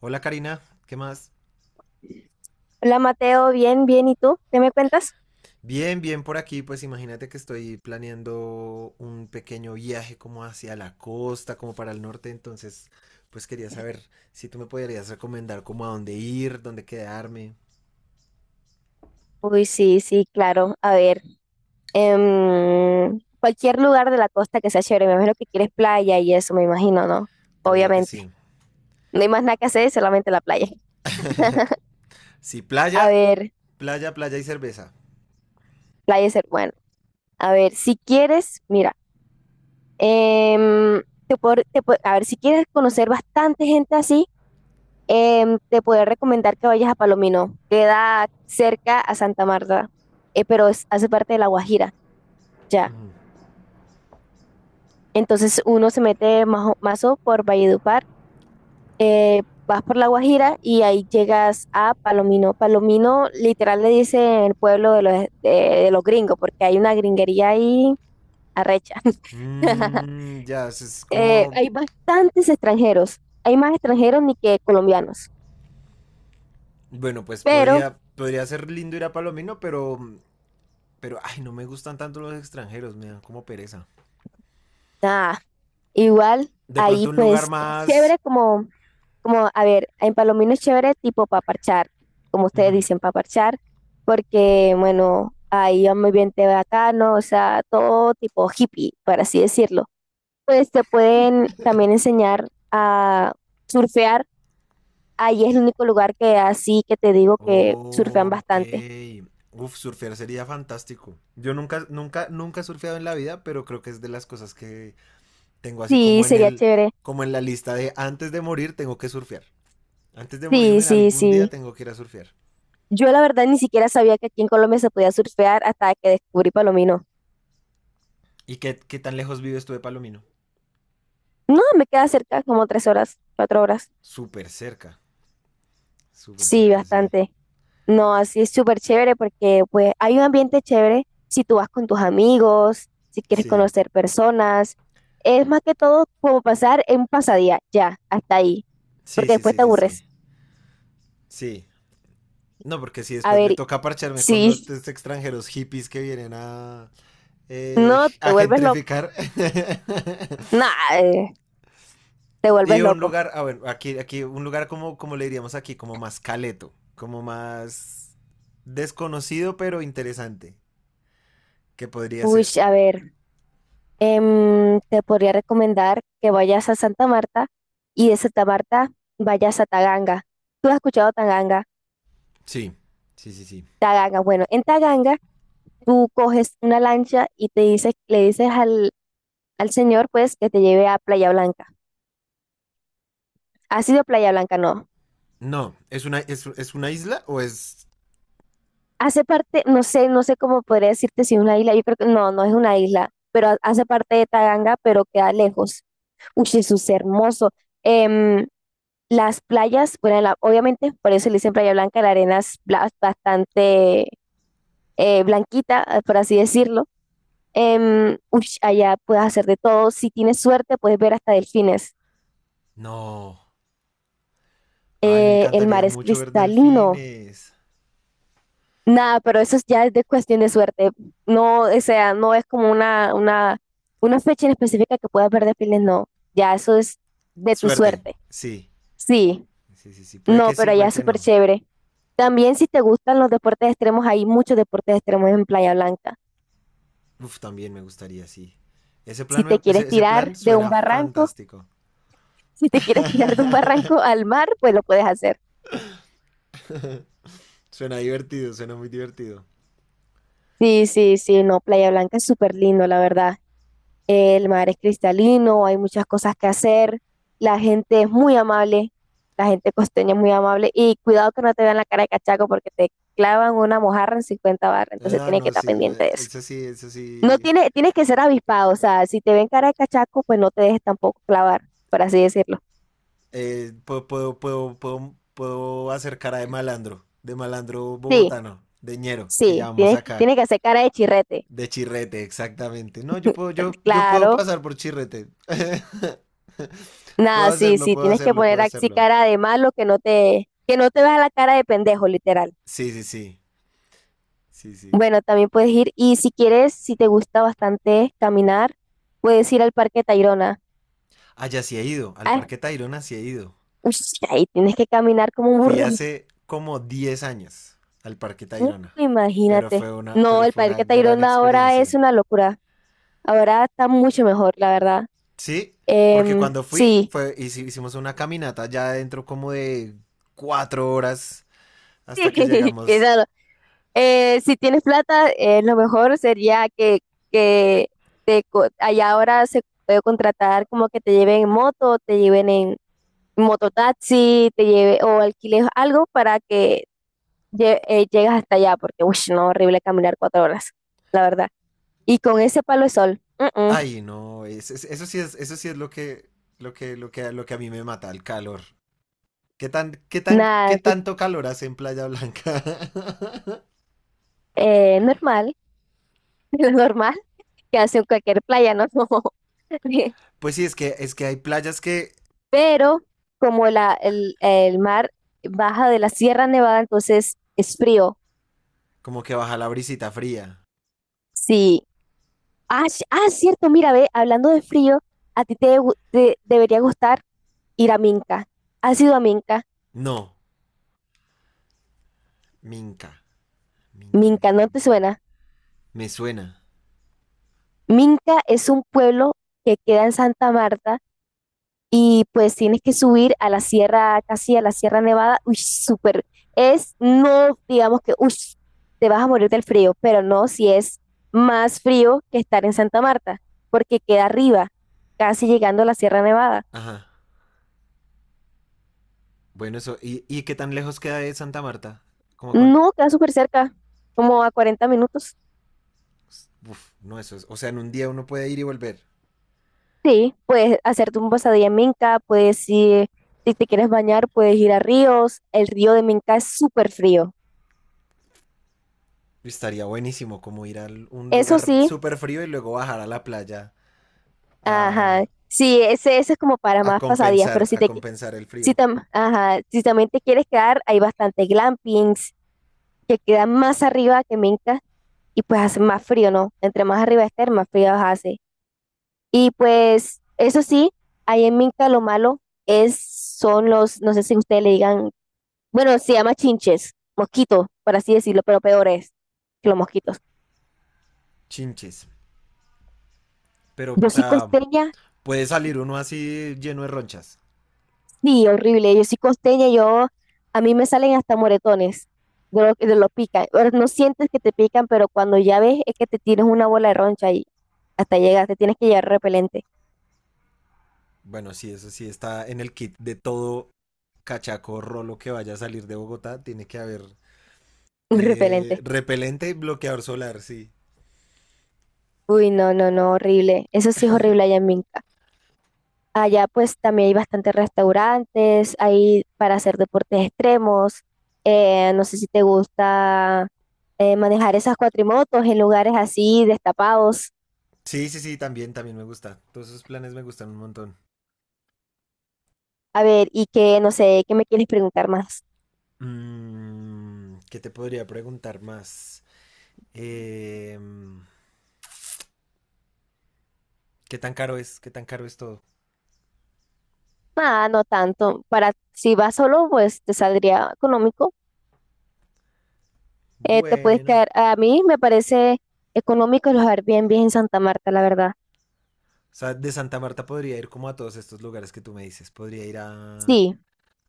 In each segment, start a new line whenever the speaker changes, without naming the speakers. Hola Karina, ¿qué más?
Hola Mateo, bien, bien, ¿y tú? ¿Qué me cuentas?
Bien, bien por aquí, pues imagínate que estoy planeando un pequeño viaje como hacia la costa, como para el norte, entonces pues quería saber si tú me podrías recomendar como a dónde ir, dónde quedarme.
Uy, sí, sí, claro. A ver, cualquier lugar de la costa que sea chévere, me imagino que quieres playa y eso, me imagino, ¿no?
Obvio que
Obviamente.
sí.
No hay más nada que hacer, solamente la playa.
Sí,
A
playa,
ver,
playa, playa y cerveza.
playa ser bueno. A ver, si quieres, mira, a ver, si quieres conocer bastante gente así, te puedo recomendar que vayas a Palomino. Queda cerca a Santa Marta, pero hace parte de La Guajira. Ya.
Ujú.
Entonces uno se mete mazo por Valledupar, eh, vas por La Guajira y ahí llegas a Palomino. Palomino literal le dice el pueblo de los, de los gringos, porque hay una gringería ahí arrecha.
Mm, ya, eso es
Eh,
como,
hay bastantes extranjeros, hay más extranjeros ni que colombianos,
bueno, pues
pero
podría, podría ser lindo ir a Palomino, pero, ay, no me gustan tanto los extranjeros, me dan como pereza.
nada. Igual,
De
ahí
pronto un lugar
pues es
más,
chévere como, a ver, en Palomino es chévere tipo paparchar, como ustedes
ujú.
dicen, paparchar, porque bueno, ahí va muy bien te bacano, o sea, todo tipo hippie, por así decirlo. Pues te pueden también enseñar a surfear, ahí es el único lugar que así que te digo que surfean
Ok.
bastante.
Uf, surfear sería fantástico. Yo nunca, nunca, nunca he surfeado en la vida, pero creo que es de las cosas que tengo así
Sí,
como en
sería
el,
chévere.
como en la lista de antes de morir tengo que surfear. Antes de
Sí,
morirme en
sí,
algún día
sí.
tengo que ir a surfear.
Yo la verdad ni siquiera sabía que aquí en Colombia se podía surfear hasta que descubrí Palomino.
¿Y qué tan lejos vives tú de Palomino?
No, me queda cerca como 3 horas, 4 horas.
Súper cerca, súper
Sí,
cerca, sí.
bastante. No, así es súper chévere porque pues hay un ambiente chévere si tú vas con tus amigos, si quieres
Sí,
conocer personas. Es más que todo como pasar en un pasadía, ya, hasta ahí.
sí,
Porque
sí,
después
sí,
te
sí, sí.
aburres.
Sí. No, porque si
A
después me
ver,
toca parcharme
sí,
con los estos extranjeros hippies que vienen
no, te
a
vuelves loco.
gentrificar.
Nah, te
Y
vuelves
un
loco.
lugar, ah, bueno, aquí, un lugar como, como le diríamos aquí, como más caleto, como más desconocido pero interesante, que podría
Uy,
ser.
a ver, te podría recomendar que vayas a Santa Marta y de Santa Marta vayas a Taganga. ¿Tú has escuchado Taganga?
Sí, sí, sí, sí.
Taganga, bueno, en Taganga tú coges una lancha y te dices, le dices al, al señor pues que te lleve a Playa Blanca. ¿Ha sido Playa Blanca? No.
No, ¿es una, es una isla o es?
Hace parte, no sé, no sé cómo podría decirte si es una isla, yo creo que no, no es una isla, pero hace parte de Taganga, pero queda lejos. Uy, Jesús, hermoso. Em, las playas, bueno, obviamente, por eso le dicen Playa Blanca, la arena es bastante blanquita, por así decirlo. Uy, allá puedes hacer de todo. Si tienes suerte, puedes ver hasta delfines.
No, ay, me
El
encantaría
mar es
mucho ver
cristalino.
delfines.
Nada, pero eso es ya es de cuestión de suerte. No, o sea, no es como una fecha en específica que puedas ver delfines, no. Ya eso es de tu
Suerte,
suerte.
sí,
Sí,
sí, sí,
no,
sí,
pero allá
puede
es
que
súper
no.
chévere. También si te gustan los deportes extremos, hay muchos deportes extremos en Playa Blanca.
Uf, también me gustaría, sí.
Si te quieres
Ese, ese plan
tirar de un
suena
barranco,
fantástico.
si te quieres tirar de un barranco al mar, pues lo puedes hacer.
Suena divertido, suena muy divertido.
Sí, sí, sí, no, Playa Blanca es súper lindo, la verdad. El mar es cristalino, hay muchas cosas que hacer, la gente es muy amable, la gente costeña es muy amable y cuidado que no te vean la cara de cachaco porque te clavan una mojarra en 50 barras, entonces
Ah,
tienes que
no,
estar
sí, no,
pendiente de eso.
es así, es
No
así.
tiene, tienes que ser avispado, o sea, si te ven cara de cachaco, pues no te dejes tampoco clavar, por así decirlo.
Puedo hacer cara de malandro
Sí,
bogotano, de ñero, que
sí,
llamamos
tienes,
acá,
tienes que hacer cara de chirrete,
de chirrete, exactamente. No, yo puedo
claro.
pasar por chirrete. Puedo
Nada, sí,
hacerlo,
sí,
puedo
tienes que
hacerlo,
poner
puedo
así
hacerlo.
cara de malo que no te veas la cara de pendejo, literal.
Sí, sí, sí, sí, sí.
Bueno, también puedes ir y si quieres, si te gusta bastante caminar, puedes ir al Parque Tayrona.
Allá sí he ido, al
Ah,
Parque Tayrona sí he ido.
uy, ahí tienes que caminar como un
Fui
burro.
hace como 10 años al Parque
Uh,
Tayrona, pero
imagínate. No,
pero
el
fue una
Parque
gran
Tayrona ahora
experiencia.
es una locura. Ahora está mucho mejor, la verdad.
Sí, porque
Em,
cuando fui,
sí,
fue, hici- hicimos una caminata ya dentro como de 4 horas hasta que
sí,
llegamos.
Eh, si tienes plata, lo mejor sería que allá ahora se puede contratar como que te lleven en moto, te lleven en mototaxi, te lleve o alquiles algo para que llegues hasta allá, porque uy, no, horrible caminar 4 horas, la verdad. Y con ese palo de sol, mm, mm,
Ay, no, eso sí es lo que, lo que a mí me mata, el calor. Qué
nada,
tanto calor hace en Playa Blanca?
normal, lo normal que hace en cualquier playa, ¿no?
Pues sí, es que hay playas que
pero como el mar baja de la Sierra Nevada, entonces es frío.
como que baja la brisita fría.
Sí. Ah, cierto, mira, ve, hablando de frío, a ti te debería gustar ir a Minca. ¿Has ido a Minca?
No, Minca. Minca,
Minca,
Minca,
¿no te
Minca.
suena?
Me suena.
Minca es un pueblo que queda en Santa Marta y pues tienes que subir a la sierra, casi a la Sierra Nevada, uy, súper, es, no digamos que, uy, te vas a morir del frío, pero no si es más frío que estar en Santa Marta, porque queda arriba, casi llegando a la Sierra Nevada.
Ajá. Bueno, eso. Y qué tan lejos queda de Santa Marta? ¿Como cuánto?
No, queda súper cerca, como a 40 minutos.
Uf, no, eso es. O sea, en un día uno puede ir y volver.
Sí, puedes hacerte un pasadía en Minca, puedes ir, si te quieres bañar, puedes ir a ríos, el río de Minca es súper frío.
Estaría buenísimo como ir a un
Eso
lugar
sí,
súper frío y luego bajar a la playa
ajá,
a,
sí, ese es como para más pasadías, pero
a compensar el frío.
Ajá, si también te quieres quedar, hay bastantes glampings que quedan más arriba que Minca y pues hace más frío, ¿no? Entre más arriba estés, más frío hace. Y pues eso sí, ahí en Minca lo malo es, son los, no sé si ustedes le digan, bueno, se llama chinches, mosquitos, por así decirlo, pero peor es que los mosquitos.
Chinches. Pero,
Yo
o
soy
sea,
costeña.
puede salir uno así lleno de ronchas.
Sí, horrible. Yo soy costeña, yo a mí me salen hasta moretones de lo pican. Ahora, no sientes que te pican, pero cuando ya ves es que te tienes una bola de roncha y hasta llegas, te tienes que llevar repelente,
Bueno, sí, eso sí está en el kit de todo cachaco rolo que vaya a salir de Bogotá. Tiene que haber
un repelente.
Repelente y bloqueador solar, sí.
Uy, no, no, no, horrible. Eso sí es horrible allá en Minca. Allá pues también hay bastantes restaurantes, hay para hacer deportes extremos. No sé si te gusta manejar esas cuatrimotos en lugares así destapados.
Sí, sí, sí, también, también me gusta. Todos esos planes me gustan un montón.
A ver, y que no sé, ¿qué me quieres preguntar más?
Mm, ¿qué te podría preguntar más? Eh, ¿Qué tan caro es? ¿Qué tan caro es todo?
Nada, no tanto. Para si vas solo, pues te saldría económico. Te puedes
Bueno,
quedar. A mí me parece económico los Airbnb en Santa Marta, la verdad.
o sea, de Santa Marta podría ir como a todos estos lugares que tú me dices. Podría ir
Sí,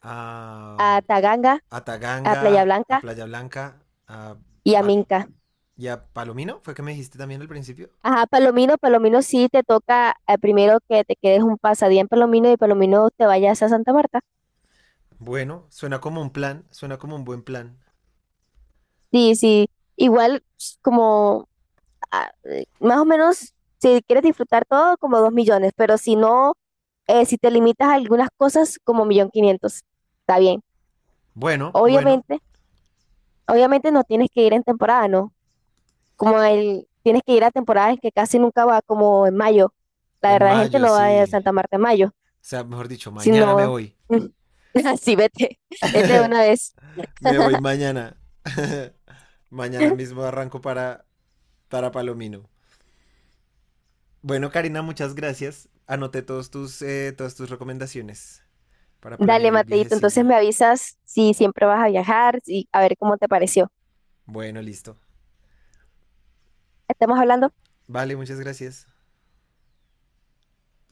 a,
a Taganga,
a
a Playa
Taganga, a
Blanca
Playa Blanca, a,
y a
Pal-
Minca.
y a Palomino, fue que me dijiste también al principio.
Ajá, Palomino, Palomino sí te toca primero que te quedes un pasadía en Palomino y Palomino te vayas a Santa Marta.
Bueno, suena como un plan, suena como un buen plan.
Sí, sí. Igual ps, como más o menos si quieres disfrutar todo, como 2 millones, pero si no si te limitas a algunas cosas como millón quinientos está bien.
Bueno, bueno,
Obviamente, obviamente no tienes que ir en temporada, ¿no? Como el, tienes que ir a temporadas que casi nunca va, como en mayo. La
en
verdad, la gente
mayo
no va a
sí.
Santa Marta en mayo,
O sea, mejor dicho, mañana me
sino
voy.
así vete, vete de una vez.
Me voy mañana. Mañana mismo arranco para Palomino. Bueno, Karina, muchas gracias. Anoté todos tus, todas tus recomendaciones para
Dale,
planear el
Mateito,
viajecillo.
entonces me avisas si siempre vas a viajar y a ver cómo te pareció.
Bueno, listo.
Estamos hablando.
Vale, muchas gracias.